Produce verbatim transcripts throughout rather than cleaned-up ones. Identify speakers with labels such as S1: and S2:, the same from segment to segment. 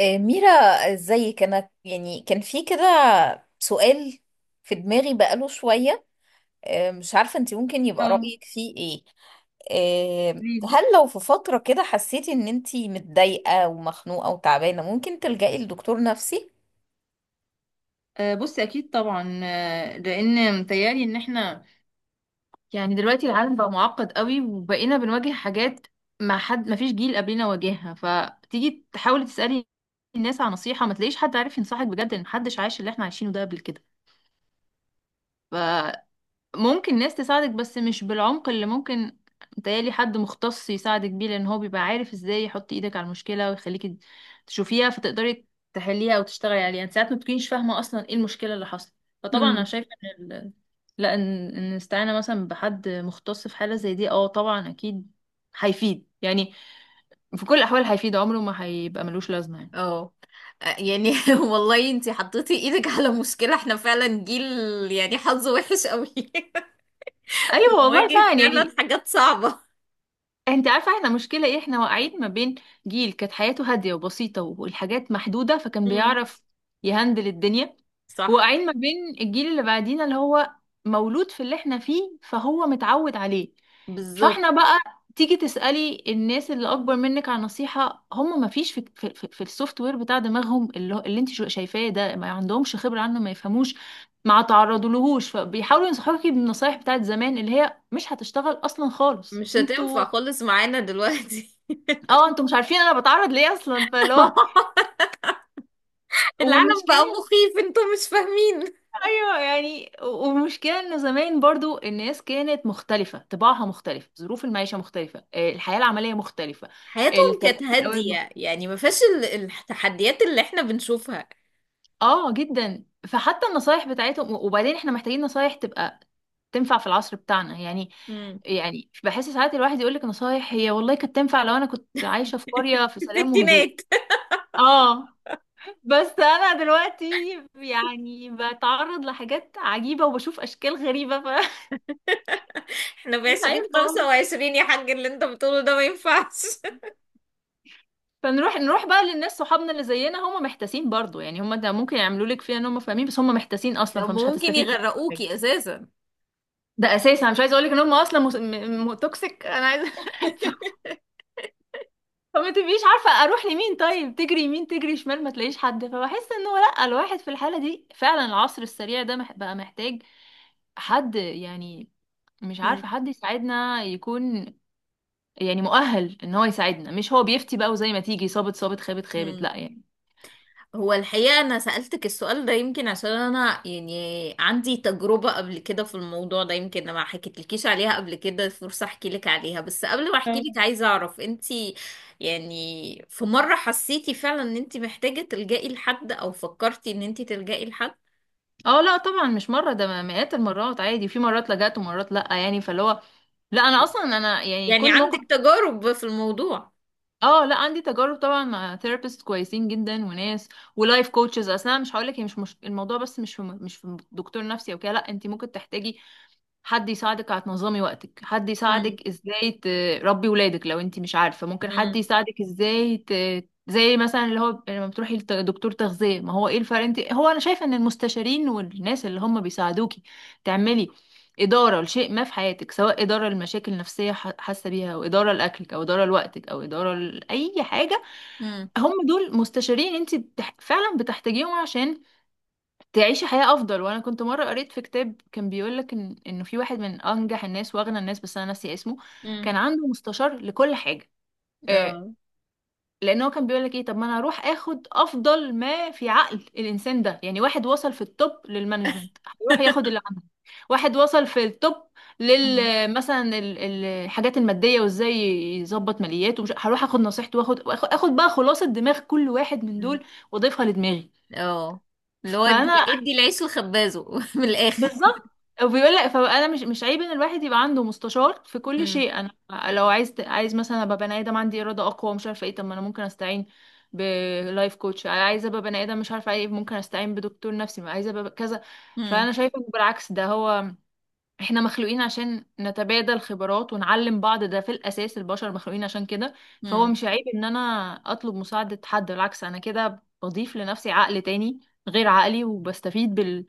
S1: آه، ميرا، ازيك؟ انا يعني كان في كده سؤال في دماغي بقاله شوية. آه، مش عارفة انت ممكن يبقى
S2: اه،
S1: رأيك فيه ايه. آه،
S2: قوليلي.
S1: هل لو في فترة كده حسيتي ان انت متضايقة ومخنوقة وتعبانة ممكن تلجئي لدكتور نفسي؟
S2: آه، بصي اكيد طبعا، آه، لان متهيألي ان احنا يعني دلوقتي العالم بقى معقد قوي وبقينا بنواجه حاجات ما حد ما فيش جيل قبلنا واجهها. فتيجي تحاولي تسألي الناس على نصيحة ما تلاقيش حد عارف ينصحك بجد، ان محدش عايش اللي احنا عايشينه ده قبل كده. ممكن ناس تساعدك بس مش بالعمق اللي ممكن، متهيألي حد مختص يساعدك بيه، لان هو بيبقى عارف ازاي يحط ايدك على المشكلة ويخليك تشوفيها فتقدري تحليها او تشتغلي عليها. يعني ساعات ما بتكونيش فاهمة اصلا ايه المشكلة اللي حصلت. فطبعا انا شايفة ان ال... لا ان ان الاستعانة مثلا بحد مختص في حالة زي دي، اه طبعا اكيد هيفيد، يعني في كل الاحوال هيفيد، عمره ما هيبقى ملوش لازمة يعني.
S1: اه. يعني والله انتي حطيتي ايدك على مشكلة. احنا فعلا جيل يعني حظه وحش قوي.
S2: ايوه والله
S1: بنواجه
S2: فعلا
S1: فعلا
S2: يعني.
S1: حاجات صعبة.
S2: انت عارفه احنا مشكله ايه؟ احنا واقعين ما بين جيل كانت حياته هاديه وبسيطه والحاجات محدوده فكان
S1: امم.
S2: بيعرف يهندل الدنيا،
S1: صح.
S2: وقاعدين ما بين الجيل اللي بعدينا اللي هو مولود في اللي احنا فيه فهو متعود عليه.
S1: بالظبط.
S2: فاحنا بقى تيجي تسألي الناس اللي اكبر منك عن نصيحة، هم ما فيش في, في, في, في السوفت وير بتاع دماغهم، اللي, هو- اللي انت شو- شايفاه ده، ما عندهمش خبرة عنه، ما يفهموش ما تعرضوا لهوش، فبيحاولوا ينصحوكي بالنصايح بتاعت زمان اللي هي مش هتشتغل اصلا خالص.
S1: مش هتنفع
S2: انتوا
S1: خالص معانا دلوقتي.
S2: اه، انتوا مش عارفين انا بتعرض ليه اصلا، فاللي هو
S1: العالم بقى
S2: والمشكله
S1: مخيف، انتوا مش فاهمين.
S2: ايوه، يعني والمشكله انه زمان برضو الناس كانت مختلفه، طباعها مختلف، ظروف المعيشه مختلفه، آه، الحياه العمليه مختلفه،
S1: حياتهم كانت
S2: التربيه الاولاد مخ...
S1: هادية يعني ما فيهاش ال- التحديات اللي احنا بنشوفها.
S2: اه جدا، فحتى النصايح بتاعتهم. وبعدين احنا محتاجين نصايح تبقى تنفع في العصر بتاعنا يعني.
S1: مم.
S2: يعني بحس ساعات الواحد يقول لك نصايح هي والله كانت تنفع لو انا كنت عايشه في قريه في سلام وهدوء.
S1: الستينات.
S2: اه، بس انا دلوقتي يعني بتعرض لحاجات عجيبة وبشوف اشكال غريبة فمش
S1: احنا في عشرين
S2: عارفة
S1: خمسة
S2: والله.
S1: وعشرين يا حاج، اللي انت بتقوله ده ما ينفعش.
S2: فنروح، نروح بقى للناس صحابنا اللي زينا، هم محتاسين برضو يعني. هم ده ممكن يعملوا لك فيها ان هم فاهمين، بس هم محتاسين اصلا،
S1: لو
S2: فمش
S1: ممكن
S2: هتستفيد منهم حاجة.
S1: يغرقوكي اساسا.
S2: ده اساسا أنا مش عايزه اقول لك ان هم اصلا مس... م... م... توكسيك. انا عايزه فما تبقيش عارفة اروح لمين، طيب تجري يمين تجري شمال ما تلاقيش حد، فبحس انه لا، الواحد في الحالة دي فعلا العصر السريع ده مح- بقى محتاج حد يعني، مش
S1: مم.
S2: عارفة، حد يساعدنا يكون يعني مؤهل ان هو يساعدنا، مش هو بيفتي بقى وزي ما تيجي صابت صابت خابت خابت.
S1: مم.
S2: لا يعني.
S1: هو الحقيقة أنا سألتك السؤال ده يمكن عشان أنا يعني عندي تجربة قبل كده في الموضوع ده، يمكن أنا ما حكيتلكيش عليها قبل كده فرصة أحكي لك عليها. بس قبل ما أحكي لك
S2: اه.
S1: عايزة أعرف أنت يعني في مرة حسيتي فعلا ان انت محتاجة تلجئي لحد او فكرتي ان انت تلجئي لحد؟
S2: اه، لا طبعا مش مرة، ده مئات المرات عادي، في مرات لجأت ومرات لا يعني، فاللي هو لا، انا اصلا انا يعني
S1: يعني
S2: كل
S1: عندك
S2: موقف.
S1: تجارب في الموضوع.
S2: اه، لا عندي تجارب طبعا مع ثيرابيست كويسين جدا، وناس ولايف كوتشز. اصل انا مش هقول لك هي مش, مش الموضوع، بس مش في م- مش في دكتور نفسي او كده، لا، انت ممكن تحتاجي حد يساعدك على تنظمي وقتك، حد
S1: امم.
S2: يساعدك ازاي تربي ولادك لو انت مش عارفة، ممكن حد
S1: امم.
S2: يساعدك ازاي ت... زي مثلا اللي هو لما بتروحي لدكتور تغذية. ما هو ايه الفرق، انت هو انا شايفة ان المستشارين والناس اللي هم بيساعدوكي تعملي إدارة لشيء ما في حياتك، سواء إدارة لمشاكل نفسية ح- حاسة بيها، أو إدارة لأكلك، أو إدارة لوقتك، أو إدارة لأي حاجة.
S1: امم.
S2: هم دول مستشارين انت بتح... فعلا بتحتاجيهم عشان تعيشي حياة أفضل. وأنا كنت مرة قريت في كتاب كان بيقولك إن إنه في واحد من أنجح الناس وأغنى الناس، بس أنا ناسية اسمه،
S1: امم.
S2: كان عنده مستشار لكل حاجة. آه
S1: اه.
S2: لأن هو كان بيقولك إيه؟ طب ما أنا هروح آخد أفضل ما في عقل الإنسان ده. يعني واحد وصل في التوب للمانجمنت هيروح ياخد اللي عنده، واحد وصل في التوب لل
S1: مم.
S2: مثلا ال- الحاجات المادية وإزاي يظبط مالياته، ومش هروح آخد نصيحته وآخد وآخد- آخد بقى خلاصة دماغ كل واحد من
S1: مم.
S2: دول وأضيفها لدماغي.
S1: اه، اللي هو ادي،
S2: فانا
S1: ادي العيش لخبازه من الاخر.
S2: بالظبط. وبيقول لك فانا مش مش عيب ان الواحد يبقى عنده مستشار في كل
S1: امم.
S2: شيء. انا لو عايز ت- عايز مثلا ابقى بني ادم عندي اراده اقوى مش عارفه ايه، طب ما انا ممكن استعين بلايف كوتش، عايزه ابقى بني ادم مش عارفه ايه، ممكن استعين بدكتور نفسي، ما عايزه ابقى كذا.
S1: امم.
S2: فانا شايفه إنه بالعكس، ده هو. احنا مخلوقين عشان نتبادل خبرات ونعلم بعض، ده في الاساس البشر مخلوقين عشان كده. فهو
S1: إمم.
S2: مش عيب ان انا اطلب مساعده حد، بالعكس انا كده بضيف لنفسي عقل تاني غير عقلي، وبستفيد بال...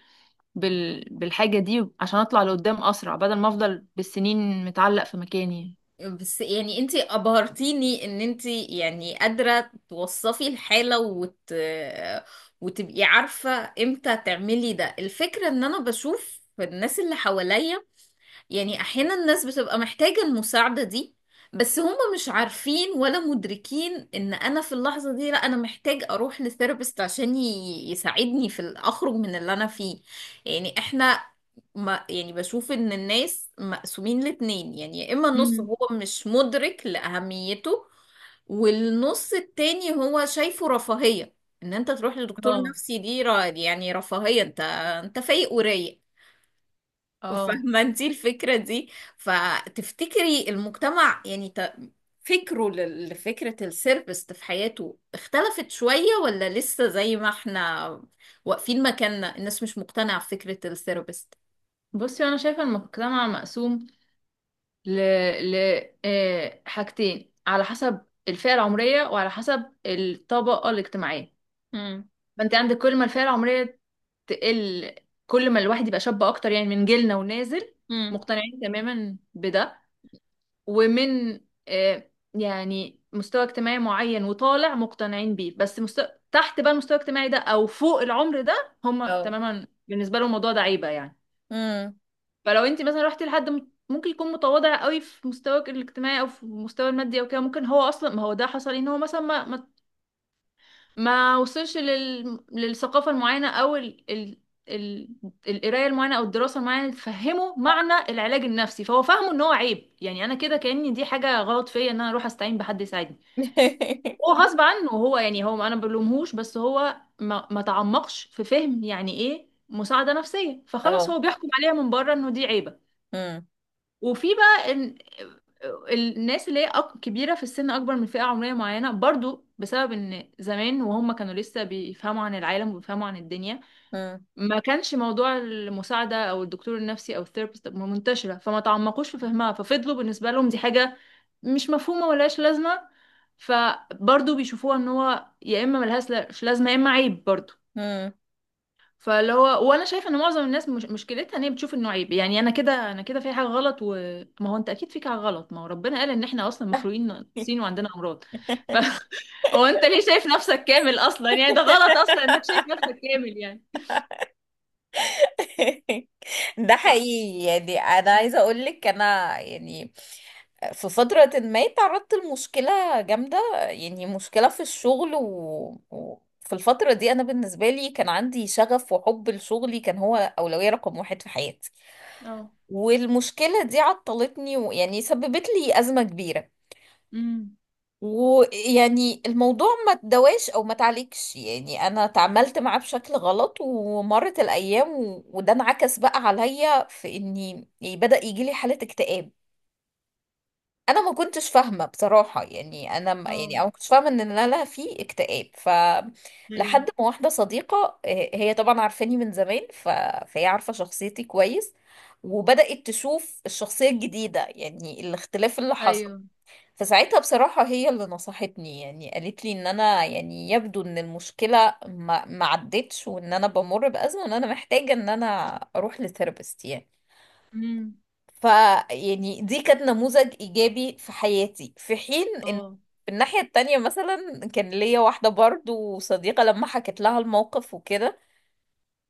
S2: بالحاجة دي عشان اطلع لقدام اسرع، بدل ما افضل بالسنين متعلق في مكاني.
S1: بس يعني انتي ابهرتيني ان انتي يعني قادرة توصفي الحالة وت... وتبقي عارفة امتى تعملي ده. الفكرة ان انا بشوف الناس اللي حواليا يعني احيانا الناس بتبقى محتاجة المساعدة دي، بس هم مش عارفين ولا مدركين ان انا في اللحظة دي، لا انا محتاج اروح لثيرابيست عشان ي- يساعدني في ال- اخرج من اللي انا فيه. يعني احنا ما يعني بشوف ان الناس مقسومين لاتنين، يعني يا اما النص
S2: مم.
S1: هو مش مدرك لأهميته والنص التاني هو شايفه رفاهية. ان انت تروح لدكتور
S2: اه.
S1: نفسي دي را- يعني رفاهية، انت انت فايق ورايق،
S2: اه،
S1: فاهمة انتي الفكرة دي؟ فتفتكري المجتمع يعني ت- فكره لل- لفكرة السيرفيس في حياته اختلفت شوية ولا لسه زي ما احنا واقفين مكاننا الناس مش مقتنعة بفكرة السيرفيس؟
S2: بصي انا شايفه المجتمع مقسوم ل ل آه، حاجتين، على حسب الفئه العمريه وعلى حسب الطبقه الاجتماعيه.
S1: امم.
S2: فانت عندك كل ما الفئه العمريه تقل، كل ما الواحد يبقى شاب اكتر يعني من جيلنا ونازل،
S1: امم.
S2: مقتنعين تماما بده، ومن آه، يعني مستوى اجتماعي معين وطالع مقتنعين بيه، بس مستوى تحت بقى المستوى الاجتماعي ده او فوق العمر ده، هم
S1: اه.
S2: تماما بالنسبه لهم الموضوع ده عيبه يعني.
S1: امم.
S2: فلو انت مثلا رحتي لحد م- ممكن يكون متواضع قوي في مستواك الاجتماعي او في مستوى المادي او كده، ممكن هو اصلا، ما هو ده حصل إيه، ان هو مثلا ما ما ما وصلش لل... للثقافة المعينة، أو ال... ال... ال... القراية المعينة أو الدراسة المعينة اللي تفهمه معنى العلاج النفسي، فهو فاهمه إن هو عيب يعني. أنا كده كأني دي حاجة غلط فيا إن أنا أروح أستعين بحد يساعدني. هو غصب عنه، هو يعني هو، أنا ما بلومهوش، بس هو ما... ما تعمقش في فهم يعني إيه مساعدة نفسية، فخلاص
S1: اه.
S2: هو بيحكم عليها من بره إنه دي عيبة.
S1: امم.
S2: وفي بقى إن الناس اللي هي أك- كبيرة في السن، أكبر من فئة عمرية معينة، برضو بسبب إن زمان وهم كانوا لسه بيفهموا عن العالم وبيفهموا عن الدنيا، ما كانش موضوع المساعدة أو الدكتور النفسي أو الثيرابيست منتشرة، فما تعمقوش في فهمها، ففضلوا بالنسبة لهم دي حاجة مش مفهومة ملهاش لازمة. فبرضو بيشوفوها إن هو يا إما ملهاش لا- مش لازمة، يا إما عيب برضو.
S1: امم.
S2: فاللي هو، وانا شايفه ان معظم الناس مش مشكلتها ان هي بتشوف انه عيب يعني انا كده، انا كده في حاجه غلط. وما هو انت اكيد فيك حاجه غلط، ما هو ربنا قال ان احنا اصلا مخلوقين ناقصين وعندنا امراض. ف هو انت ليه شايف نفسك كامل اصلا يعني؟ ده غلط اصلا انك شايف نفسك كامل يعني.
S1: ده
S2: ف.
S1: حقيقي. يعني انا عايزه اقول لك، انا يعني في فتره ما تعرضت لمشكله جامده. يعني مشكله في الشغل و... و... في الفتره دي انا بالنسبه لي كان عندي شغف وحب لشغلي، كان هو اولويه رقم واحد في حياتي.
S2: اه.
S1: والمشكله دي عطلتني ويعني سببت لي ازمه كبيره.
S2: امم.
S1: ويعني الموضوع ما تدواش او ما تعليكش، يعني انا تعاملت معاه بشكل غلط ومرت الايام و... وده انعكس بقى عليا في اني يعني بدأ يجي لي حالة اكتئاب. انا ما كنتش فاهمة بصراحة، يعني انا ما يعني
S2: اه.
S1: انا ما كنتش فاهمة ان انا لا في اكتئاب. ف
S2: ايوه.
S1: لحد ما واحدة صديقة، آه، هي طبعا عارفاني من زمان ف... فهي عارفة شخصيتي كويس وبدأت تشوف الشخصية الجديدة يعني الاختلاف اللي حصل.
S2: ايوه.
S1: فساعتها بصراحة هي اللي نصحتني، يعني قالت لي ان انا يعني يبدو ان المشكلة ما ما عدتش وان انا بمر بأزمة وان انا محتاجة ان انا اروح لثيرابيست يعني.
S2: امم.
S1: ف يعني دي كانت نموذج ايجابي في حياتي، في حين ان
S2: اه.
S1: في الناحية التانية مثلا كان ليا واحدة برضو صديقة، لما حكت لها الموقف وكده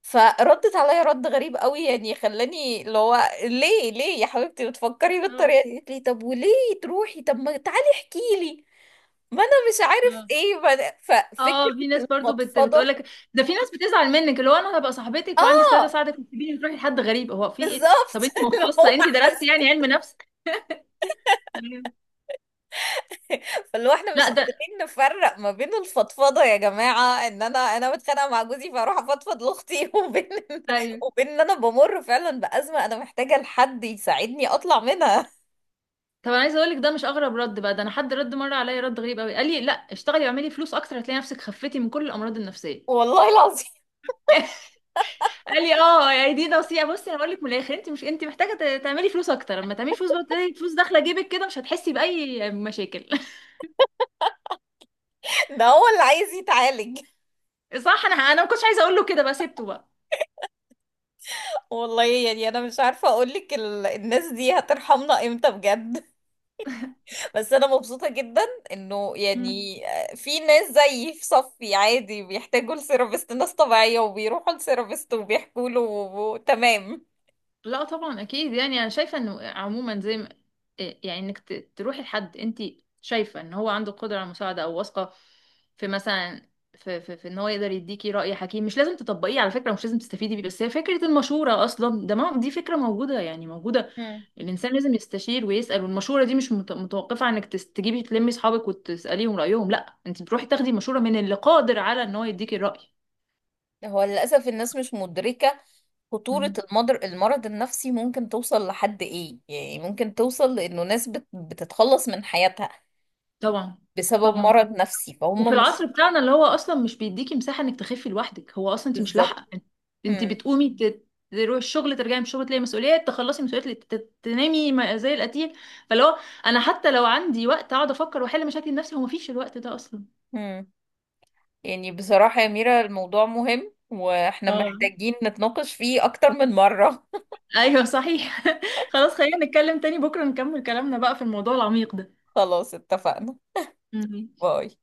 S1: فردت عليا رد غريب قوي يعني خلاني اللي هو ليه ليه يا حبيبتي بتفكري
S2: اه.
S1: بالطريقة دي؟ قالت لي طب وليه تروحي؟ طب ما تعالي احكي لي، ما انا مش عارف
S2: آه.
S1: ايه بد-
S2: اه،
S1: ففكره
S2: في ناس برضو بت...
S1: المفضفضه.
S2: بتقولك، ده في ناس بتزعل منك اللي هو انا هبقى صاحبتك وعندي استعداد
S1: اه
S2: اساعدك وتسيبيني تروحي لحد غريب؟ هو في ايه ده؟
S1: بالظبط.
S2: طب انت
S1: اللي
S2: مختصه،
S1: هو
S2: انت
S1: حس.
S2: درستي يعني علم نفس؟ أيوة.
S1: فاللي هو احنا مش
S2: لا ده
S1: قادرين نفرق ما بين الفضفضه، يا جماعه، ان انا انا متخانقه مع جوزي فاروح افضفض لاختي وبين إن-
S2: ايوه.
S1: وبين ان انا بمر فعلا بازمه، انا محتاجه لحد يساعدني اطلع منها.
S2: طب انا عايزه اقول لك، ده مش اغرب رد بقى، ده انا حد رد مره عليا رد غريب قوي، قال لي لا، اشتغلي واعملي فلوس اكتر هتلاقي نفسك خفتي من كل الامراض النفسيه.
S1: والله العظيم.
S2: قال لي اه يعني دي نصيحه. بصي انا بقول لك من الاخر، انت مش انت محتاجه ت- تعملي فلوس اكتر، لما تعملي فلوس بقى تلاقي فلوس داخله جيبك كده مش هتحسي باي مشاكل.
S1: ده هو اللي عايز يتعالج.
S2: صح، انا انا ما كنتش عايزه اقول له كده، بقى سبته بقى.
S1: والله يعني انا مش عارفه اقول لك ال... الناس دي هترحمنا امتى بجد. بس انا مبسوطة جدا انه
S2: مم.
S1: يعني في ناس زيي في صفي عادي بيحتاجوا لسيرابيست، ناس طبيعية وبيروحوا لسيرابيست وبيحكوا له و- تمام.
S2: لا طبعا اكيد يعني، انا شايفه انه عموما زي ما يعني انك ت- تروحي لحد انت شايفه ان هو عنده قدره على المساعده، او واثقه في مثلا في, في, في ان هو يقدر يديكي راي حكيم، مش لازم تطبقيه على فكره، مش لازم تستفيدي بيه، بس هي فكره المشوره اصلا، ده ما دي فكره موجوده يعني موجوده.
S1: مم.
S2: الانسان لازم يستشير ويسال، والمشوره دي مش مت- متوقفه عن انك تس- تجيبي تلمي اصحابك وتساليهم رايهم، لا، انت بتروحي تاخدي مشوره من اللي قادر على ان هو يديكي الراي.
S1: هو للأسف الناس مش مدركة خطورة
S2: مم.
S1: المضر المرض النفسي ممكن توصل لحد إيه، يعني ممكن توصل لأنه ناس بت... بتتخلص من حياتها
S2: طبعا.
S1: بسبب
S2: طبعا.
S1: مرض نفسي
S2: وفي
S1: فهم مش.
S2: العصر بتاعنا اللي هو اصلا مش بيديكي مساحه انك تخفي لوحدك، هو اصلا انت مش
S1: بالظبط.
S2: لاحقه، انت
S1: هم.
S2: بتقومي ت- تروحي الشغل، ترجعي من الشغل تلاقي مسؤوليات، تخلصي مسؤوليات، ت- تنامي ما- زي القتيل، فاللي هو انا حتى لو عندي وقت اقعد افكر واحل مشاكل نفسي، هو مفيش الوقت ده اصلا.
S1: هم. يعني بصراحة يا ميرا الموضوع مهم وإحنا
S2: اه،
S1: محتاجين نتناقش فيه أكتر من مرة.
S2: ايوه صحيح. خلاص، خلينا نتكلم تاني بكره، نكمل كلامنا بقى في الموضوع العميق ده.
S1: خلاص اتفقنا.
S2: مم.
S1: باي.